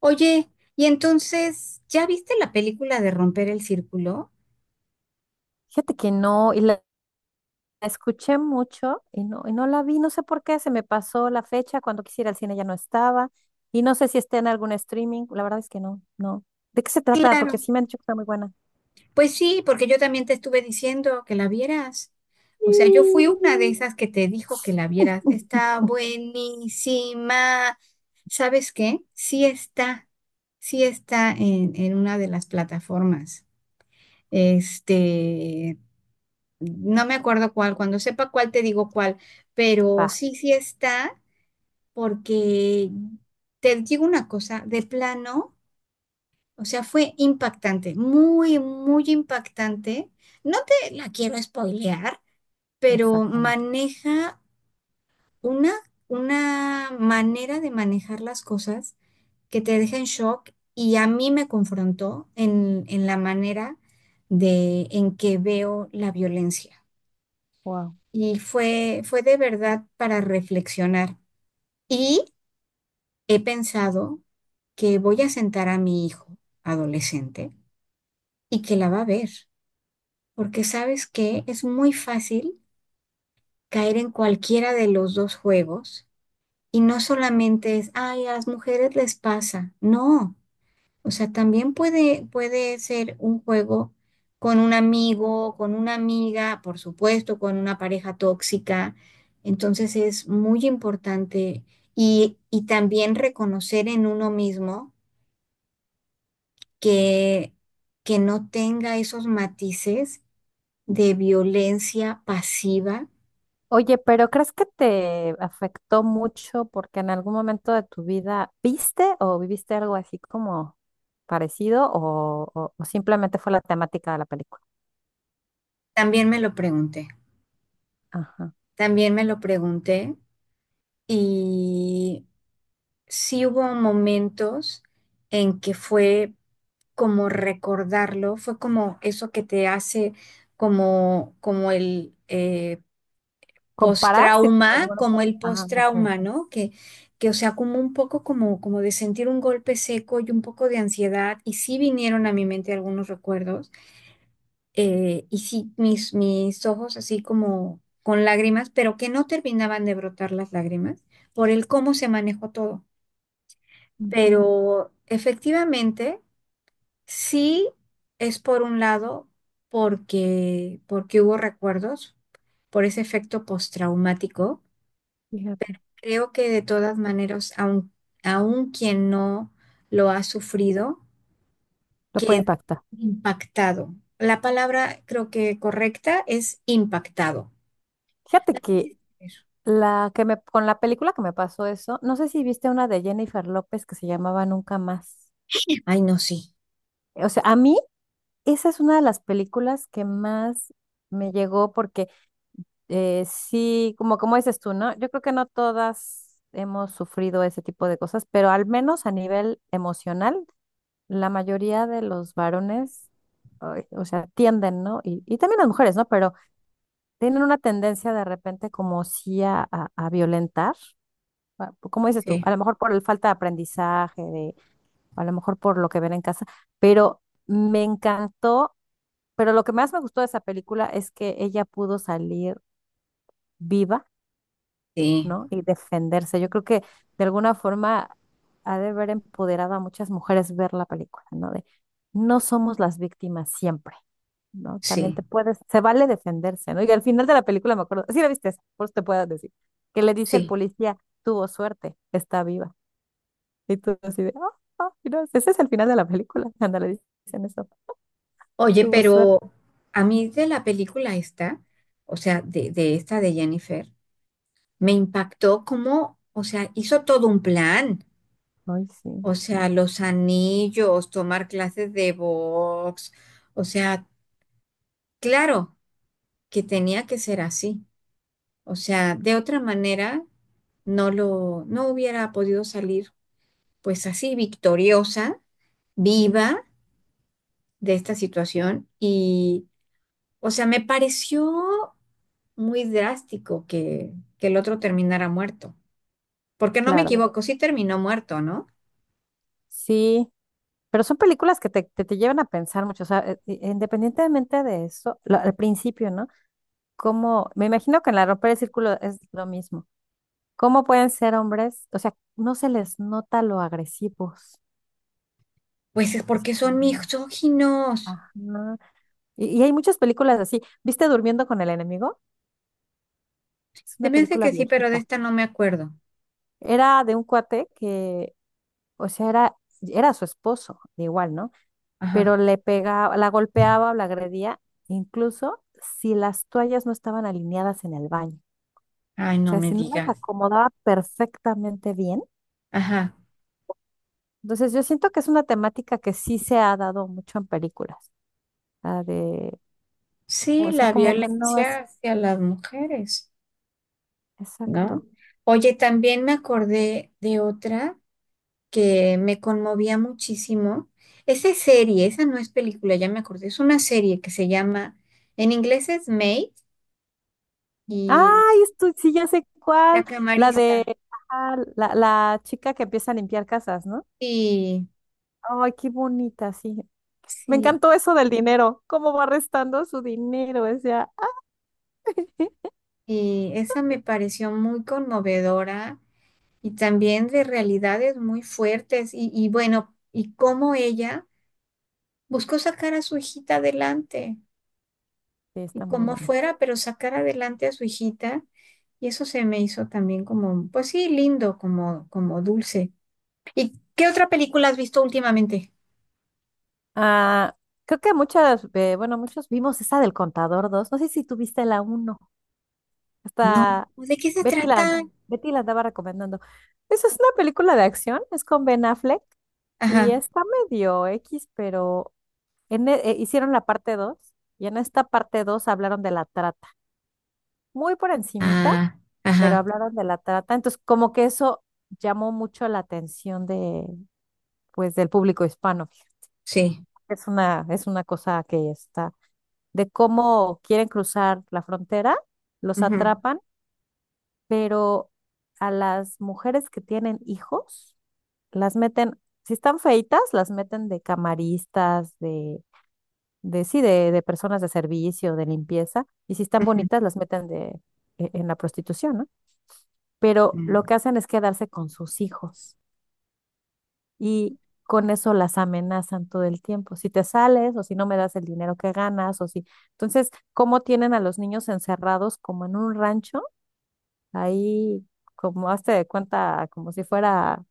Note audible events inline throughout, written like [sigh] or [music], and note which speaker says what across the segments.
Speaker 1: Oye, y entonces, ¿ya viste la película de Romper el Círculo?
Speaker 2: Fíjate que no, y la escuché mucho y no la vi, no sé por qué, se me pasó la fecha, cuando quisiera al cine ya no estaba, y no sé si está en algún streaming, la verdad es que no, no. ¿De qué se trata? Porque
Speaker 1: Claro.
Speaker 2: sí me han dicho que está muy buena.
Speaker 1: Pues sí, porque yo también te estuve diciendo que la vieras. O sea, yo fui una de
Speaker 2: [laughs]
Speaker 1: esas que te dijo que la vieras.
Speaker 2: Mm.
Speaker 1: Está buenísima. ¿Sabes qué? Sí está. Sí está en una de las plataformas. Este, no me acuerdo cuál. Cuando sepa cuál, te digo cuál. Pero
Speaker 2: Ah,
Speaker 1: sí, sí está. Porque te digo una cosa, de plano, o sea, fue impactante, muy, muy impactante. No te la quiero spoilear, pero
Speaker 2: exacto, no.
Speaker 1: maneja una, una manera de manejar las cosas que te deja en shock y a mí me confrontó en la manera de en que veo la violencia.
Speaker 2: Wow.
Speaker 1: Y fue, fue de verdad para reflexionar. Y he pensado que voy a sentar a mi hijo adolescente y que la va a ver, porque sabes que es muy fácil caer en cualquiera de los dos juegos y no solamente es, ay, a las mujeres les pasa, no, o sea, también puede, puede ser un juego con un amigo, con una amiga, por supuesto, con una pareja tóxica, entonces es muy importante y también reconocer en uno mismo que, que no tenga esos matices de violencia pasiva.
Speaker 2: Oye, pero ¿crees que te afectó mucho porque en algún momento de tu vida viste o viviste algo así como parecido o simplemente fue la temática de la película?
Speaker 1: También me lo pregunté,
Speaker 2: Ajá.
Speaker 1: también me lo pregunté y sí hubo momentos en que fue como recordarlo, fue como eso que te hace como, como
Speaker 2: Compararse.
Speaker 1: postrauma, como el
Speaker 2: Ah,
Speaker 1: postrauma,
Speaker 2: ok.
Speaker 1: ¿no? Que, o sea, como un poco como, como de sentir un golpe seco y un poco de ansiedad, y sí vinieron a mi mente algunos recuerdos, y sí mis ojos así como con lágrimas, pero que no terminaban de brotar las lágrimas por el cómo se manejó todo.
Speaker 2: Ujú.
Speaker 1: Pero efectivamente, sí es por un lado porque hubo recuerdos por ese efecto postraumático.
Speaker 2: Fíjate.
Speaker 1: Creo que de todas maneras, aun quien no lo ha sufrido,
Speaker 2: Lo puede
Speaker 1: queda
Speaker 2: impactar.
Speaker 1: impactado. La palabra creo que correcta es impactado.
Speaker 2: Fíjate
Speaker 1: La tienes
Speaker 2: que
Speaker 1: que ver.
Speaker 2: la que me, con la película que me pasó eso, no sé si viste una de Jennifer López que se llamaba Nunca Más.
Speaker 1: Ay, no, sí,
Speaker 2: O sea, a mí esa es una de las películas que más me llegó porque sí, como dices tú, ¿no? Yo creo que no todas hemos sufrido ese tipo de cosas, pero al menos a nivel emocional, la mayoría de los varones, ay, o sea, tienden, ¿no? Y también las mujeres, ¿no? Pero tienen una tendencia de repente como sí a violentar, como dices tú,
Speaker 1: sí,
Speaker 2: a lo mejor por el falta de aprendizaje, de, a lo mejor por lo que ven en casa, pero me encantó, pero lo que más me gustó de esa película es que ella pudo salir viva,
Speaker 1: sí,
Speaker 2: ¿no? Y defenderse. Yo creo que de alguna forma ha de haber empoderado a muchas mujeres ver la película, ¿no? De no somos las víctimas siempre, ¿no? También
Speaker 1: sí,
Speaker 2: te puedes, se vale defenderse, ¿no? Y al final de la película me acuerdo, sí la viste, esa, por eso te puedo decir, que le dice el
Speaker 1: sí.
Speaker 2: policía, tuvo suerte, está viva. Y tú así de, ah, ah, mira, ese es el final de la película, cuando le dicen eso,
Speaker 1: Oye,
Speaker 2: tuvo
Speaker 1: pero
Speaker 2: suerte.
Speaker 1: a mí de la película esta, o sea, de esta de Jennifer, me impactó como, o sea, hizo todo un plan.
Speaker 2: Ay, sí,
Speaker 1: O sea, los anillos, tomar clases de box, o sea, claro que tenía que ser así. O sea, de otra manera no no hubiera podido salir pues así victoriosa, viva de esta situación. Y, o sea, me pareció muy drástico que el otro terminara muerto. Porque no me Claro.
Speaker 2: claro.
Speaker 1: equivoco, sí terminó muerto, ¿no?
Speaker 2: Sí, pero son películas que te llevan a pensar mucho, o sea, independientemente de eso, al principio, ¿no? Como, me imagino que en la Romper el Círculo es lo mismo. ¿Cómo pueden ser hombres? O sea, no se les nota lo agresivos.
Speaker 1: Pues es
Speaker 2: O sea,
Speaker 1: porque son
Speaker 2: mm,
Speaker 1: misóginos.
Speaker 2: ajá. Y hay muchas películas así. ¿Viste Durmiendo con el enemigo? Es una
Speaker 1: Se me hace
Speaker 2: película
Speaker 1: que sí, pero de
Speaker 2: viejita.
Speaker 1: esta no me acuerdo.
Speaker 2: Era de un cuate que, o sea, era su esposo, igual, ¿no?
Speaker 1: Ajá.
Speaker 2: Pero le pegaba, la golpeaba o la agredía, incluso si las toallas no estaban alineadas en el baño.
Speaker 1: Ay,
Speaker 2: O
Speaker 1: no
Speaker 2: sea,
Speaker 1: me
Speaker 2: si no las
Speaker 1: digas.
Speaker 2: acomodaba perfectamente bien.
Speaker 1: Ajá.
Speaker 2: Entonces, yo siento que es una temática que sí se ha dado mucho en películas. La de,
Speaker 1: Sí,
Speaker 2: o sea,
Speaker 1: la
Speaker 2: como que no es
Speaker 1: violencia hacia las mujeres, ¿no?
Speaker 2: exacto.
Speaker 1: Oye, también me acordé de otra que me conmovía muchísimo. Esa es serie, esa no es película, ya me acordé, es una serie que se llama, en inglés es Maid, y
Speaker 2: Ay, esto, sí, ya sé
Speaker 1: La
Speaker 2: cuál. La de
Speaker 1: Camarista.
Speaker 2: la chica que empieza a limpiar casas, ¿no?
Speaker 1: Sí,
Speaker 2: Ay, qué bonita, sí. Me
Speaker 1: sí,
Speaker 2: encantó eso del dinero, cómo va restando su dinero, o sea. [laughs]
Speaker 1: y esa me pareció muy conmovedora y también de realidades muy fuertes y bueno, y cómo ella buscó sacar a su hijita adelante.
Speaker 2: Sí, está muy
Speaker 1: Como
Speaker 2: bonita.
Speaker 1: fuera, pero sacar adelante a su hijita. Y eso se me hizo también como, pues sí, lindo, como, como dulce. ¿Y qué otra película has visto últimamente?
Speaker 2: Ah, creo que muchas, bueno, muchos vimos esa del Contador dos. No sé si tuviste la uno.
Speaker 1: No,
Speaker 2: Hasta
Speaker 1: ¿de qué se
Speaker 2: Betty la,
Speaker 1: trata?
Speaker 2: Betty la andaba recomendando. Esa es una película de acción, es con Ben Affleck y
Speaker 1: Ajá.
Speaker 2: está medio X, pero hicieron la parte 2 y en esta parte 2 hablaron de la trata muy por encimita,
Speaker 1: Ah,
Speaker 2: pero
Speaker 1: ajá,
Speaker 2: hablaron de la trata. Entonces, como que eso llamó mucho la atención de, pues, del público hispano.
Speaker 1: sí.
Speaker 2: Es una cosa que está, de cómo quieren cruzar la frontera, los
Speaker 1: Ujú,
Speaker 2: atrapan, pero a las mujeres que tienen hijos, las meten, si están feitas, las meten de camaristas, de sí, de personas de servicio, de limpieza, y si están
Speaker 1: ujú.
Speaker 2: bonitas, las meten en la prostitución, ¿no? Pero lo
Speaker 1: Mm.
Speaker 2: que hacen es quedarse con sus hijos y con eso las amenazan todo el tiempo. Si te sales o si no me das el dinero que ganas o si... Entonces, ¿cómo tienen a los niños encerrados como en un rancho? Ahí, como hazte de cuenta, como si fuera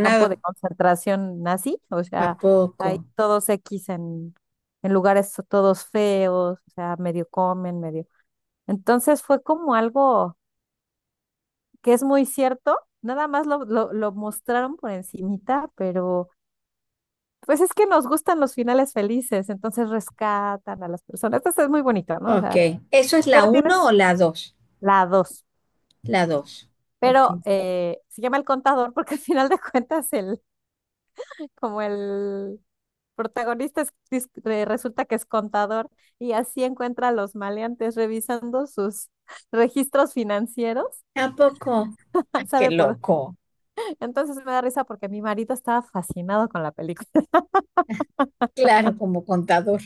Speaker 2: campo de concentración nazi, o
Speaker 1: ¿A
Speaker 2: sea,
Speaker 1: poco?
Speaker 2: ahí todos X en lugares todos feos, o sea, medio comen, medio... Entonces fue como algo que es muy cierto, nada más lo mostraron por encimita, pero pues es que nos gustan los finales felices, entonces rescatan a las personas. Entonces es muy bonito, ¿no? O
Speaker 1: Ok.
Speaker 2: sea,
Speaker 1: ¿Eso es la
Speaker 2: pero
Speaker 1: uno
Speaker 2: tienes
Speaker 1: o la dos?
Speaker 2: la dos.
Speaker 1: La dos.
Speaker 2: Pero
Speaker 1: Ok.
Speaker 2: se llama el contador porque al final de cuentas el, como el protagonista resulta que es contador y así encuentra a los maleantes revisando sus [laughs] registros financieros,
Speaker 1: ¿A poco?
Speaker 2: [laughs]
Speaker 1: Ay, qué
Speaker 2: sabe por.
Speaker 1: loco.
Speaker 2: Entonces me da risa porque mi marido estaba fascinado con la película.
Speaker 1: Claro, como contador,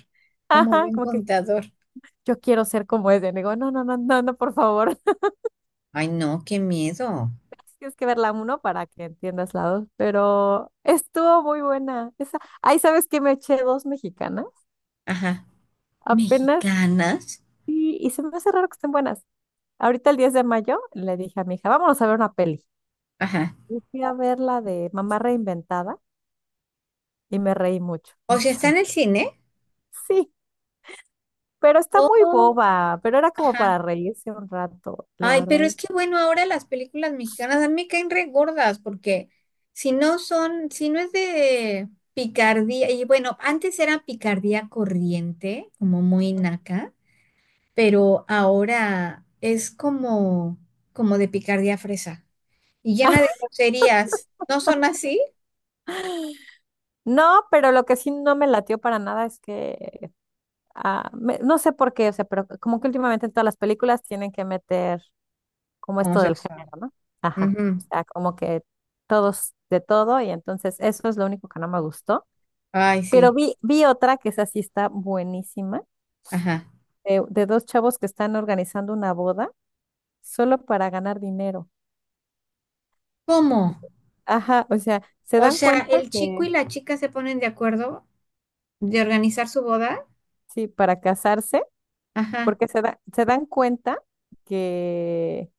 Speaker 1: como
Speaker 2: Ajá,
Speaker 1: buen
Speaker 2: como que
Speaker 1: contador.
Speaker 2: yo quiero ser como ese. Le digo, no, no, no, no, no, por favor.
Speaker 1: Ay, no, qué miedo.
Speaker 2: [laughs] Tienes que ver la uno para que entiendas la dos. Pero estuvo muy buena. Esa... Ay, ¿sabes qué? Me eché dos mexicanas
Speaker 1: Ajá.
Speaker 2: apenas
Speaker 1: Mexicanas.
Speaker 2: y se me hace raro que estén buenas. Ahorita el 10 de mayo le dije a mi hija, vámonos a ver una peli.
Speaker 1: Ajá.
Speaker 2: Y fui a ver la de Mamá Reinventada y me reí mucho,
Speaker 1: O sea, está
Speaker 2: mucho.
Speaker 1: en el cine.
Speaker 2: Sí, pero está muy
Speaker 1: Oh.
Speaker 2: boba, pero era como
Speaker 1: Ajá.
Speaker 2: para reírse un rato, la
Speaker 1: Ay, pero
Speaker 2: verdad.
Speaker 1: es que bueno, ahora las películas mexicanas a mí me caen re gordas porque si no son, si no es de picardía, y bueno, antes era picardía corriente, como muy naca, pero ahora es como, como de picardía fresa y llena de
Speaker 2: [laughs]
Speaker 1: groserías. ¿No son así?
Speaker 2: No, pero lo que sí no me latió para nada es que no sé por qué, o sea, pero como que últimamente en todas las películas tienen que meter como esto del
Speaker 1: Homosexual.
Speaker 2: género, ¿no? Ajá. O
Speaker 1: Ujú.
Speaker 2: sea, como que todos de todo y entonces eso es lo único que no me gustó.
Speaker 1: Ay,
Speaker 2: Pero
Speaker 1: sí.
Speaker 2: vi otra que esa sí está buenísima,
Speaker 1: Ajá.
Speaker 2: de dos chavos que están organizando una boda solo para ganar dinero.
Speaker 1: ¿Cómo?
Speaker 2: Ajá, o sea, se
Speaker 1: O
Speaker 2: dan
Speaker 1: sea,
Speaker 2: cuenta
Speaker 1: el chico
Speaker 2: que,
Speaker 1: y la chica se ponen de acuerdo de organizar su boda.
Speaker 2: sí, para casarse,
Speaker 1: Ajá,
Speaker 2: porque se dan cuenta que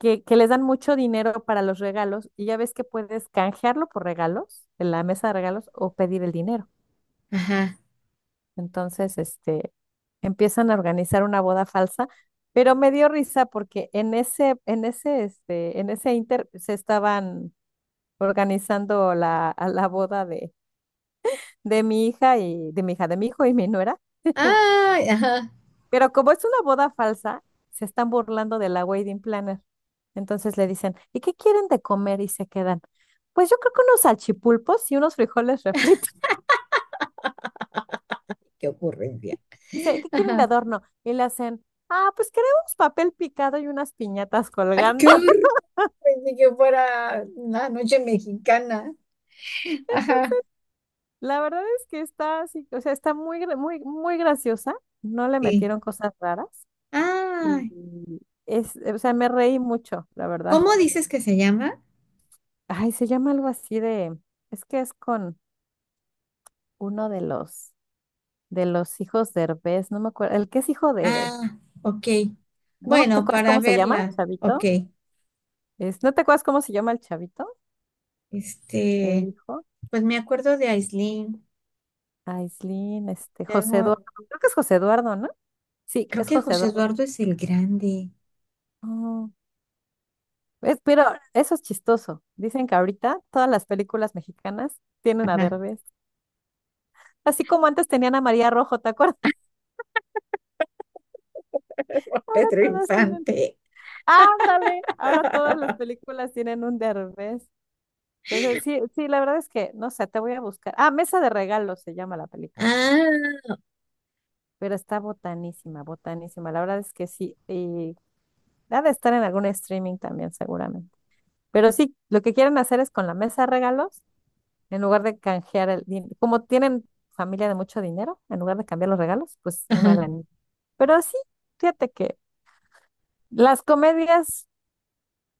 Speaker 2: que les dan mucho dinero para los regalos y ya ves que puedes canjearlo por regalos en la mesa de regalos o pedir el dinero.
Speaker 1: ajá.
Speaker 2: Entonces, empiezan a organizar una boda falsa, pero me dio risa porque en ese inter se estaban organizando a la boda de, mi hija y de mi hija, de mi hijo y mi nuera.
Speaker 1: Ay, ajá.
Speaker 2: Pero como es una boda falsa, se están burlando de la wedding planner. Entonces le dicen, ¿y qué quieren de comer? Y se quedan. Pues yo creo que unos salchipulpos y unos frijoles refritos.
Speaker 1: Qué ocurrencia.
Speaker 2: [laughs] Dice, ¿qué quieren de
Speaker 1: Ajá.
Speaker 2: adorno? Y le hacen, ah, pues queremos papel picado y unas piñatas
Speaker 1: Ay, qué
Speaker 2: colgando.
Speaker 1: horror.
Speaker 2: [laughs]
Speaker 1: Pensé que fuera una noche mexicana. Ajá.
Speaker 2: La verdad es que está así, o sea, está muy graciosa. No le
Speaker 1: Sí.
Speaker 2: metieron cosas raras. Y
Speaker 1: Ay,
Speaker 2: es, o sea, me reí mucho, la verdad.
Speaker 1: ¿cómo dices que se llama?
Speaker 2: Ay, se llama algo así de, es que es con uno de los hijos de Derbez no me acuerdo, el que es hijo de,
Speaker 1: Ah, ok.
Speaker 2: no me, ¿te
Speaker 1: Bueno,
Speaker 2: acuerdas
Speaker 1: para
Speaker 2: cómo se llama el
Speaker 1: verla. Ok.
Speaker 2: chavito? ¿No te acuerdas cómo se llama el chavito? El
Speaker 1: Este,
Speaker 2: hijo,
Speaker 1: pues me acuerdo de Aislinn.
Speaker 2: Aislinn, José
Speaker 1: Luego,
Speaker 2: Eduardo, creo que es José Eduardo, ¿no? Sí,
Speaker 1: creo
Speaker 2: es
Speaker 1: que
Speaker 2: José
Speaker 1: José
Speaker 2: Eduardo.
Speaker 1: Eduardo es el grande.
Speaker 2: Oh, pero eso es chistoso. Dicen que ahorita todas las películas mexicanas tienen a
Speaker 1: Ajá.
Speaker 2: Derbez. Así como antes tenían a María Rojo, ¿te acuerdas? [laughs]
Speaker 1: [laughs]
Speaker 2: Ahora
Speaker 1: Pedro
Speaker 2: todas tienen.
Speaker 1: Infante.
Speaker 2: Ándale, ahora todas las películas tienen un Derbez. Entonces, sí, sí, la verdad es que, no sé, te voy a buscar. Ah, Mesa de Regalos se llama la película,
Speaker 1: Ah,
Speaker 2: pero está botanísima, botanísima. La verdad es que sí, y ha de estar en algún streaming también seguramente. Pero sí, lo que quieren hacer es con la mesa de regalos, en lugar de canjear el dinero, como tienen familia de mucho dinero, en lugar de cambiar los regalos, pues una
Speaker 1: ajá.
Speaker 2: lanita. Pero sí, fíjate que las comedias,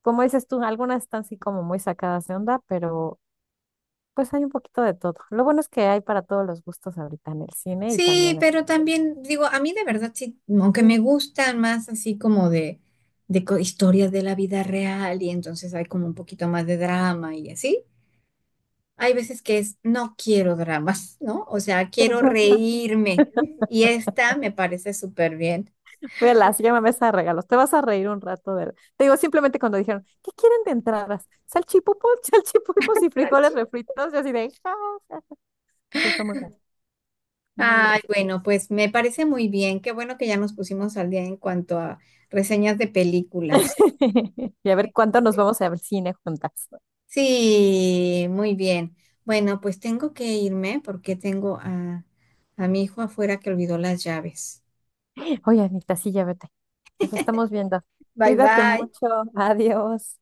Speaker 2: como dices tú, algunas están así como muy sacadas de onda, pero... Pues hay un poquito de todo. Lo bueno es que hay para todos los gustos ahorita en el cine y
Speaker 1: Sí,
Speaker 2: también en...
Speaker 1: pero
Speaker 2: [laughs]
Speaker 1: también digo, a mí de verdad sí, aunque me gustan más así como de co- historias de la vida real y entonces hay como un poquito más de drama y así, hay veces que es, no quiero dramas, ¿no? O sea,
Speaker 2: Pero,
Speaker 1: quiero
Speaker 2: no,
Speaker 1: reírme y esta me parece súper bien.
Speaker 2: Velas, llama a mesa de regalos. Te vas a reír un rato de... Te digo, simplemente cuando dijeron, ¿qué quieren de entradas? Salchipulpos, [laughs] salchipulpos y frijoles refritos. Yo así de... "Ja, ja". Sí, fue muy gracioso, muy
Speaker 1: Ay,
Speaker 2: gracioso.
Speaker 1: bueno, pues me parece muy bien. Qué bueno que ya nos pusimos al día en cuanto a reseñas de películas.
Speaker 2: [laughs] Y a ver cuánto nos vamos a ver cine juntas.
Speaker 1: Sí, muy bien. Bueno, pues tengo que irme porque tengo a mi hijo afuera que olvidó las llaves.
Speaker 2: Oye, Anita, sí, ya vete. Nos estamos viendo.
Speaker 1: Bye
Speaker 2: Cuídate
Speaker 1: bye.
Speaker 2: mucho. Adiós.